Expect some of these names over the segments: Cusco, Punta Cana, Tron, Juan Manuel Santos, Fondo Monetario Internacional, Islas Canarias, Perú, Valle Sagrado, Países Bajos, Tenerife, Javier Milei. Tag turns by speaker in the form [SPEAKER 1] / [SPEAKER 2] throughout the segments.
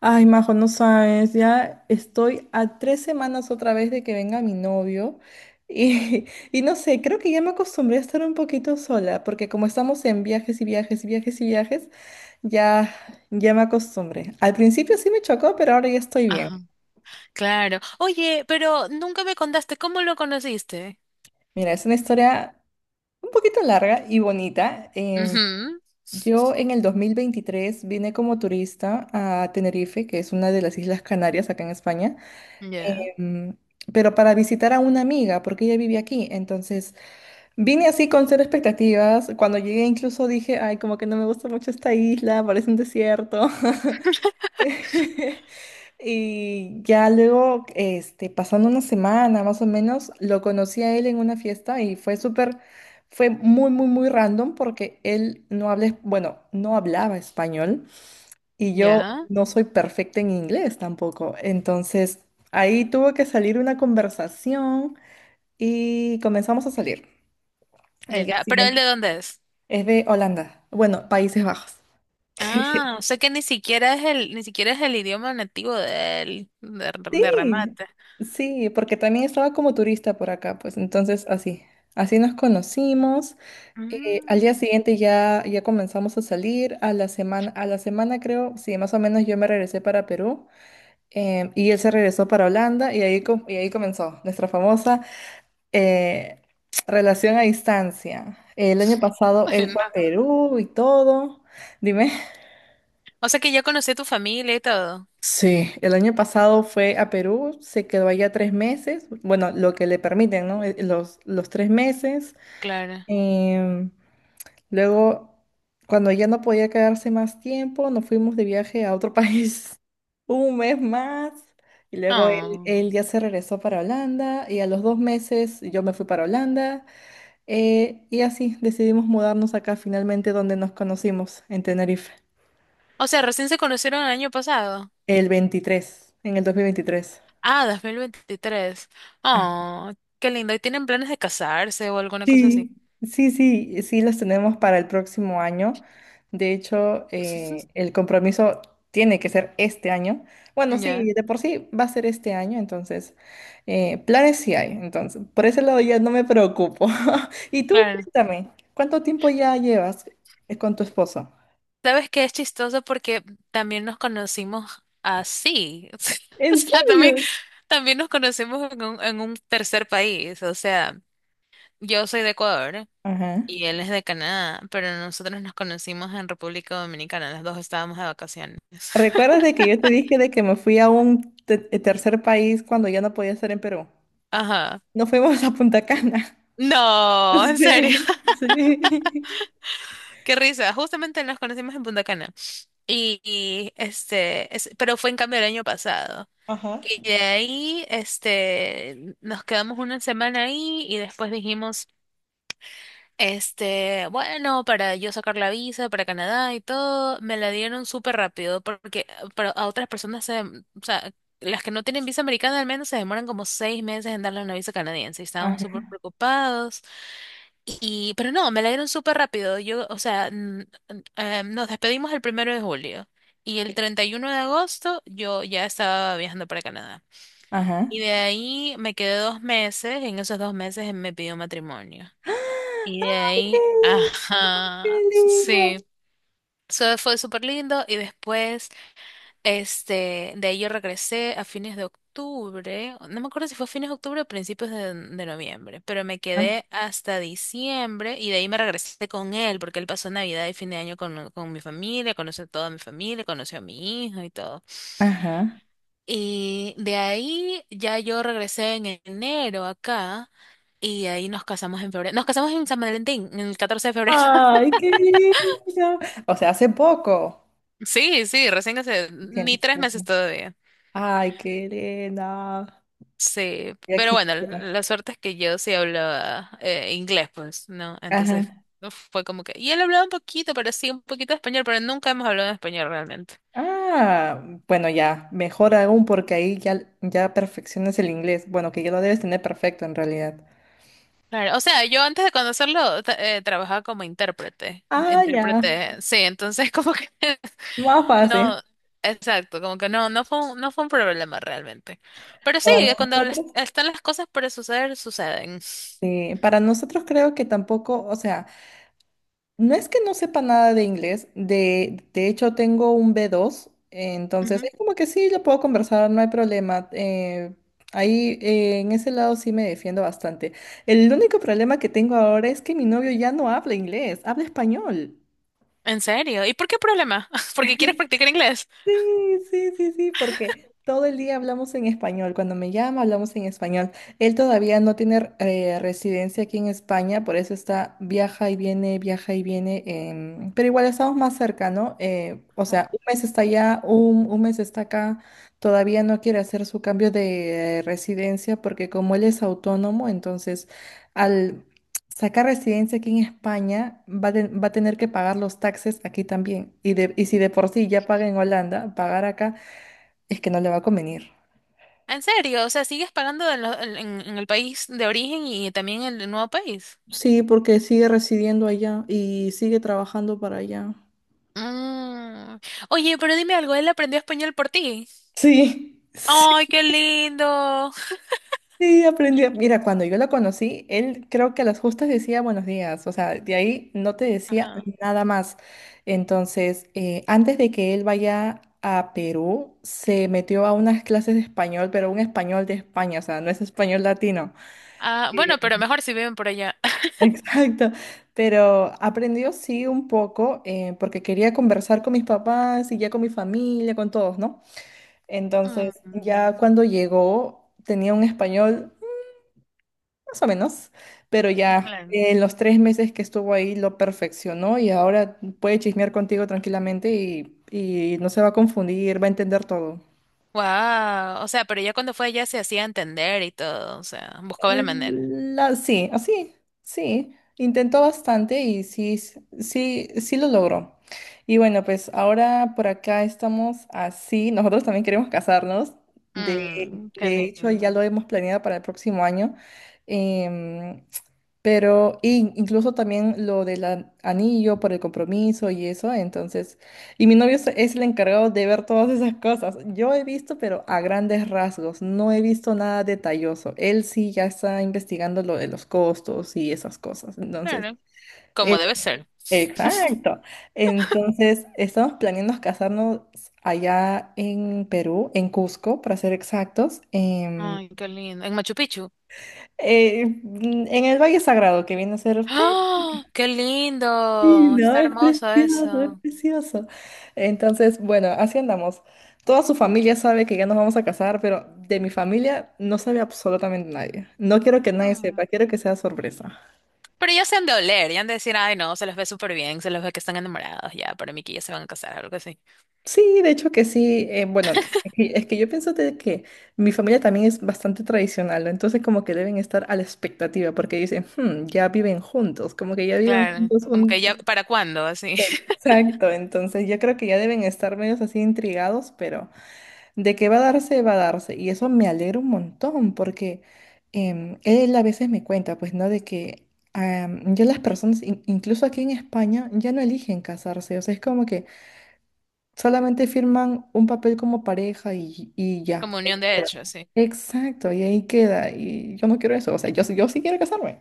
[SPEAKER 1] Ay, Majo, no sabes, ya estoy a tres semanas otra vez de que venga mi novio y, y no sé, creo que ya me acostumbré a estar un poquito sola, porque como estamos en viajes y viajes y viajes y viajes, ya, ya me acostumbré. Al principio sí me chocó, pero ahora ya estoy bien.
[SPEAKER 2] Ajá, claro. Oye, pero nunca me contaste cómo lo conociste.
[SPEAKER 1] Mira, es una historia un poquito larga y bonita.
[SPEAKER 2] Ujú.
[SPEAKER 1] Yo en el 2023 vine como turista a Tenerife, que es una de las Islas Canarias acá en España.
[SPEAKER 2] Ya,
[SPEAKER 1] em, pero para visitar a una amiga, porque ella vive aquí. Entonces, vine así con cero expectativas. Cuando llegué incluso dije, ay, como que no me gusta mucho esta isla, parece un desierto. Y ya luego, este, pasando una semana más o menos, lo conocí a él en una fiesta y fue súper, fue muy, muy, muy random porque él no habla, bueno, no hablaba español. Y yo
[SPEAKER 2] ya,
[SPEAKER 1] no soy perfecta en inglés tampoco. Entonces, ahí tuvo que salir una conversación y comenzamos a salir. El
[SPEAKER 2] ya.
[SPEAKER 1] día
[SPEAKER 2] Ya. ¿Pero él
[SPEAKER 1] siguiente
[SPEAKER 2] de dónde es?
[SPEAKER 1] es de Holanda, bueno, Países Bajos.
[SPEAKER 2] Ah, o sea que ni siquiera es el idioma nativo de él, de
[SPEAKER 1] Sí,
[SPEAKER 2] remate.
[SPEAKER 1] sí, porque también estaba como turista por acá, pues entonces así, así nos conocimos. Al día
[SPEAKER 2] Mm.
[SPEAKER 1] siguiente ya, ya comenzamos a salir, a la semana creo, sí, más o menos yo me regresé para Perú y él se regresó para Holanda y ahí, y ahí comenzó nuestra famosa eh, relación a distancia. El año pasado
[SPEAKER 2] Ay,
[SPEAKER 1] él fue a
[SPEAKER 2] no.
[SPEAKER 1] Perú y todo. Dime.
[SPEAKER 2] O sea que ya conocí a tu familia y todo.
[SPEAKER 1] Sí, el año pasado fue a Perú, se quedó allá tres meses, bueno, lo que le permiten, ¿no? Los tres meses.
[SPEAKER 2] Claro.
[SPEAKER 1] Em, Luego, cuando ya no podía quedarse más tiempo, nos fuimos de viaje a otro país un mes más. Y luego él,
[SPEAKER 2] Oh.
[SPEAKER 1] él ya se regresó para Holanda y a los dos meses yo me fui para Holanda. Y así decidimos mudarnos acá finalmente donde nos conocimos, en Tenerife,
[SPEAKER 2] O sea, recién se conocieron el año pasado.
[SPEAKER 1] el 23 en el 2023.
[SPEAKER 2] Ah, 2023.
[SPEAKER 1] Ah,
[SPEAKER 2] Oh, qué lindo. ¿Y tienen planes de casarse o alguna cosa así?
[SPEAKER 1] sí, sí, sí, sí las tenemos para el próximo año. De hecho, el compromiso tiene que ser este año. Bueno,
[SPEAKER 2] Ya,
[SPEAKER 1] sí, de por sí va a ser este año, entonces, planes sí hay. Entonces, por ese lado ya no me preocupo. Y tú,
[SPEAKER 2] claro.
[SPEAKER 1] cuéntame, ¿cuánto tiempo ya llevas con tu esposo?
[SPEAKER 2] ¿Sabes qué es chistoso? Porque también nos conocimos así. O
[SPEAKER 1] ¿En
[SPEAKER 2] sea,
[SPEAKER 1] serio?
[SPEAKER 2] también, también nos conocimos en un tercer país. O sea, yo soy de Ecuador
[SPEAKER 1] Ajá.
[SPEAKER 2] y él es de Canadá, pero nosotros nos conocimos en República Dominicana. Los dos estábamos de vacaciones.
[SPEAKER 1] ¿Recuerdas de que yo te dije de que me fui a un tercer país cuando ya no podía estar en Perú?
[SPEAKER 2] Ajá.
[SPEAKER 1] No fuimos a Punta Cana.
[SPEAKER 2] No, en serio,
[SPEAKER 1] Sí, sí.
[SPEAKER 2] qué risa. Justamente nos conocimos en Punta Cana. Y, este, pero fue en cambio el año pasado.
[SPEAKER 1] Ajá.
[SPEAKER 2] Y de ahí, este, nos quedamos una semana ahí y después dijimos, este, bueno, para yo sacar la visa para Canadá y todo, me la dieron súper rápido porque para a otras personas se, o sea, las que no tienen visa americana al menos se demoran como 6 meses en darle una visa canadiense y estábamos súper
[SPEAKER 1] Ajá.
[SPEAKER 2] preocupados. Y, pero no, me la dieron súper rápido. Yo, o sea, nos despedimos el 1 de julio y el 31 de agosto yo ya estaba viajando para Canadá. Y
[SPEAKER 1] Ajá.
[SPEAKER 2] de ahí me quedé 2 meses, en esos 2 meses me pidió matrimonio. Y de
[SPEAKER 1] ¡Ay, qué
[SPEAKER 2] ahí,
[SPEAKER 1] lindo! ¡Qué
[SPEAKER 2] ajá,
[SPEAKER 1] lindo!
[SPEAKER 2] sí. Eso fue súper lindo. Y después, este, de ahí yo regresé a fines de octubre. No me acuerdo si fue a fines de octubre o principios de noviembre. Pero me
[SPEAKER 1] Ah,
[SPEAKER 2] quedé hasta diciembre. Y de ahí me regresé con él, porque él pasó Navidad y fin de año con mi familia, conoció a toda mi familia, conoció a mi hija y todo.
[SPEAKER 1] ajá.
[SPEAKER 2] Y de ahí ya yo regresé en enero acá. Y ahí nos casamos en febrero. Nos casamos en San Valentín, en el 14 de febrero.
[SPEAKER 1] ¡Ay, qué lindo! O sea, hace poco.
[SPEAKER 2] Sí, sí, recién hace ni
[SPEAKER 1] ¿Entiendes?
[SPEAKER 2] tres
[SPEAKER 1] Ajá.
[SPEAKER 2] meses todavía.
[SPEAKER 1] ¡Ay, qué lindo!
[SPEAKER 2] Sí,
[SPEAKER 1] Ya
[SPEAKER 2] pero bueno,
[SPEAKER 1] quisiera.
[SPEAKER 2] la suerte es que yo sí hablaba inglés, pues, ¿no? Entonces
[SPEAKER 1] Ajá.
[SPEAKER 2] no fue como que. Y él hablaba un poquito, pero sí, un poquito de español, pero nunca hemos hablado en español realmente.
[SPEAKER 1] Ah, bueno, ya, mejor aún porque ahí ya, ya perfeccionas el inglés. Bueno, que ya lo debes tener perfecto en realidad.
[SPEAKER 2] Claro, o sea, yo antes de conocerlo trabajaba como intérprete,
[SPEAKER 1] Ah, ya,
[SPEAKER 2] intérprete, sí, entonces como que.
[SPEAKER 1] más fácil.
[SPEAKER 2] No, exacto, como que no fue un problema realmente. Pero sí,
[SPEAKER 1] Para
[SPEAKER 2] cuando
[SPEAKER 1] nosotros.
[SPEAKER 2] están las cosas para suceder, suceden.
[SPEAKER 1] Sí, para nosotros creo que tampoco, o sea, no es que no sepa nada de inglés, de hecho tengo un b dos, entonces es como que sí, lo puedo conversar, no hay problema. Ahí en ese lado sí me defiendo bastante. El único problema que tengo ahora es que mi novio ya no habla inglés, habla español.
[SPEAKER 2] ¿En serio? ¿Y por qué problema? ¿Porque quieres practicar inglés?
[SPEAKER 1] Sí, sí, sí, sí, porque todo el día hablamos en español. Cuando me llama, hablamos en español. Él todavía no tiene residencia aquí en España, por eso está, viaja y viene, viaja y viene. Pero igual estamos más cerca, ¿no? O
[SPEAKER 2] No.
[SPEAKER 1] sea, un mes está allá, un mes está acá. Todavía no quiere hacer su cambio de residencia porque como él es autónomo, entonces al sacar residencia aquí en España, va, va a tener que pagar los taxes aquí también. Y, de, y si de por sí ya paga en Holanda, pagar acá es que no le va a convenir.
[SPEAKER 2] ¿En serio? O sea, sigues pagando en, lo- en el país de origen y también en el nuevo país.
[SPEAKER 1] Sí, porque sigue residiendo allá y sigue trabajando para allá.
[SPEAKER 2] Mm. Oye, pero dime algo, él aprendió español por ti.
[SPEAKER 1] Sí,
[SPEAKER 2] ¡Ay, qué lindo!
[SPEAKER 1] sí, aprendí. Mira, cuando yo la conocí, él creo que a las justas decía buenos días, o sea, de ahí no te decía
[SPEAKER 2] Ajá.
[SPEAKER 1] nada más. Entonces, antes de que él vaya a Perú, se metió a unas clases de español, pero un español de España, o sea, no es español latino.
[SPEAKER 2] Ah, bueno, pero
[SPEAKER 1] Eh,
[SPEAKER 2] mejor si viven por allá.
[SPEAKER 1] exacto, pero aprendió sí un poco porque quería conversar con mis papás y ya con mi familia, con todos, ¿no? Entonces,
[SPEAKER 2] Mm,
[SPEAKER 1] ya cuando llegó, tenía un español más o menos, pero ya
[SPEAKER 2] claro.
[SPEAKER 1] en los tres meses que estuvo ahí lo perfeccionó y ahora puede chismear contigo tranquilamente y no se va a confundir, va a entender todo.
[SPEAKER 2] Wow, o sea, pero ya cuando fue allá se hacía entender y todo, o sea, buscaba la manera.
[SPEAKER 1] La, sí, así, sí. Intentó bastante y sí, sí, sí lo logró. Y bueno, pues ahora por acá estamos así. Nosotros también queremos casarnos. De,
[SPEAKER 2] Mm, qué
[SPEAKER 1] de hecho,
[SPEAKER 2] lindo.
[SPEAKER 1] ya lo hemos planeado para el próximo año. Em, pero incluso también lo del anillo por el compromiso y eso. Entonces, y mi novio es el encargado de ver todas esas cosas. Yo he visto, pero a grandes rasgos. No he visto nada detalloso. Él sí ya está investigando lo de los costos y esas cosas. Entonces,
[SPEAKER 2] Claro, como
[SPEAKER 1] él-
[SPEAKER 2] debe ser.
[SPEAKER 1] exacto. Entonces, estamos planeando casarnos allá en Perú, en Cusco, para ser exactos,
[SPEAKER 2] Ay, qué lindo. En Machu Picchu.
[SPEAKER 1] en el Valle Sagrado, que viene a ser
[SPEAKER 2] ¡Ah! ¡Qué
[SPEAKER 1] sí,
[SPEAKER 2] lindo!
[SPEAKER 1] no,
[SPEAKER 2] Está
[SPEAKER 1] es
[SPEAKER 2] hermoso
[SPEAKER 1] precioso, es
[SPEAKER 2] eso.
[SPEAKER 1] precioso. Entonces, bueno, así andamos. Toda su familia sabe que ya nos vamos a casar, pero de mi familia no sabe absolutamente nadie. No quiero que nadie
[SPEAKER 2] Mm.
[SPEAKER 1] sepa, quiero que sea sorpresa.
[SPEAKER 2] Pero ya se han de oler, ya han de decir, ay no, se los ve súper bien, se los ve que están enamorados, ya, para mí que ya se van a casar, algo así.
[SPEAKER 1] Sí, de hecho que sí. Bueno, es que yo pienso de que mi familia también es bastante tradicional, ¿no? Entonces como que deben estar a la expectativa porque dicen, "Hmm, ya viven juntos, como que ya viven
[SPEAKER 2] Claro,
[SPEAKER 1] juntos
[SPEAKER 2] como que
[SPEAKER 1] un...
[SPEAKER 2] ya, ¿para cuándo? Así.
[SPEAKER 1] Exacto, entonces yo creo que ya deben estar medios así intrigados, pero... De que va a darse, va a darse. Y eso me alegra un montón porque él a veces me cuenta, pues, ¿no? De que ya las personas, incluso aquí en España, ya no eligen casarse. O sea, es como que solamente firman un papel como pareja y ya.
[SPEAKER 2] Como
[SPEAKER 1] Ahí
[SPEAKER 2] unión de
[SPEAKER 1] queda.
[SPEAKER 2] hecho, así.
[SPEAKER 1] Exacto, y ahí queda. Y yo no quiero eso. O sea, yo, yo sí quiero casarme.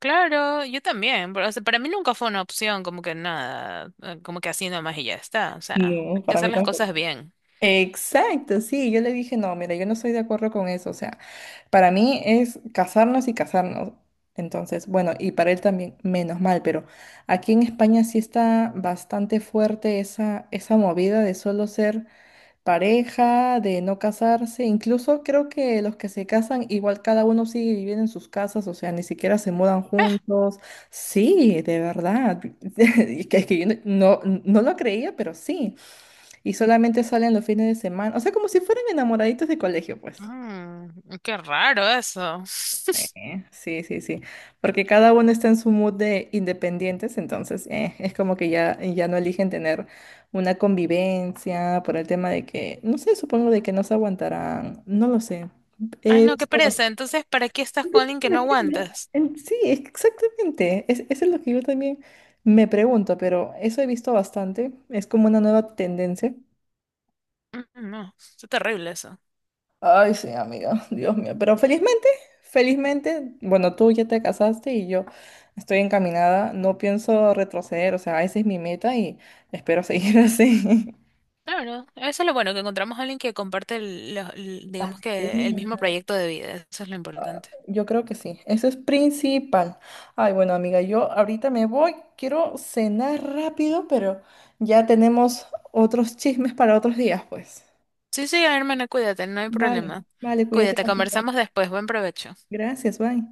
[SPEAKER 2] Claro, yo también, pero, o sea, para mí nunca fue una opción, como que nada, como que así nomás y ya está, o sea, hay
[SPEAKER 1] No,
[SPEAKER 2] que
[SPEAKER 1] para
[SPEAKER 2] hacer
[SPEAKER 1] mí
[SPEAKER 2] las
[SPEAKER 1] tampoco.
[SPEAKER 2] cosas bien.
[SPEAKER 1] Exacto, sí, yo le dije, no, mira, yo no estoy de acuerdo con eso, o sea, para mí es casarnos y casarnos. Entonces, bueno, y para él también, menos mal, pero aquí en España sí está bastante fuerte esa, esa movida de solo ser pareja, de no casarse, incluso creo que los que se casan, igual cada uno sigue viviendo en sus casas, o sea, ni siquiera se mudan juntos. Sí, de verdad, es que yo no, no lo creía, pero sí. Y solamente salen los fines de semana. O sea, como si fueran enamoraditos de colegio, pues.
[SPEAKER 2] Mm, qué raro eso.
[SPEAKER 1] Sí, sí, sí. Porque cada uno está en su mood de independientes, entonces es como que ya, ya no eligen tener una convivencia por el tema de que, no sé, supongo de que no se aguantarán, no lo sé.
[SPEAKER 2] Ay
[SPEAKER 1] Eh,
[SPEAKER 2] no, qué
[SPEAKER 1] so-
[SPEAKER 2] pereza, entonces, ¿para qué estás con alguien que no aguantas?
[SPEAKER 1] Sí, exactamente. Es, eso es lo que yo también me pregunto, pero eso he visto bastante. Es como una nueva tendencia.
[SPEAKER 2] Mm, no, es terrible eso.
[SPEAKER 1] Ay, sí, amiga, Dios mío. Pero felizmente, felizmente, bueno, tú ya te casaste y yo estoy encaminada, no pienso retroceder, o sea, esa es mi meta y espero seguir así.
[SPEAKER 2] Claro, eso es lo bueno, que encontramos a alguien que comparte, digamos que el
[SPEAKER 1] Sí.
[SPEAKER 2] mismo proyecto de vida. Eso es lo importante.
[SPEAKER 1] Yo creo que sí, eso es principal. Ay, bueno, amiga, yo ahorita me voy, quiero cenar rápido, pero ya tenemos otros chismes para otros días, pues.
[SPEAKER 2] Sí, sí, hermana, cuídate, no hay
[SPEAKER 1] Vale.
[SPEAKER 2] problema.
[SPEAKER 1] Vale, cuídate,
[SPEAKER 2] Cuídate,
[SPEAKER 1] Paquita.
[SPEAKER 2] conversamos después. Buen provecho.
[SPEAKER 1] Gracias, bye.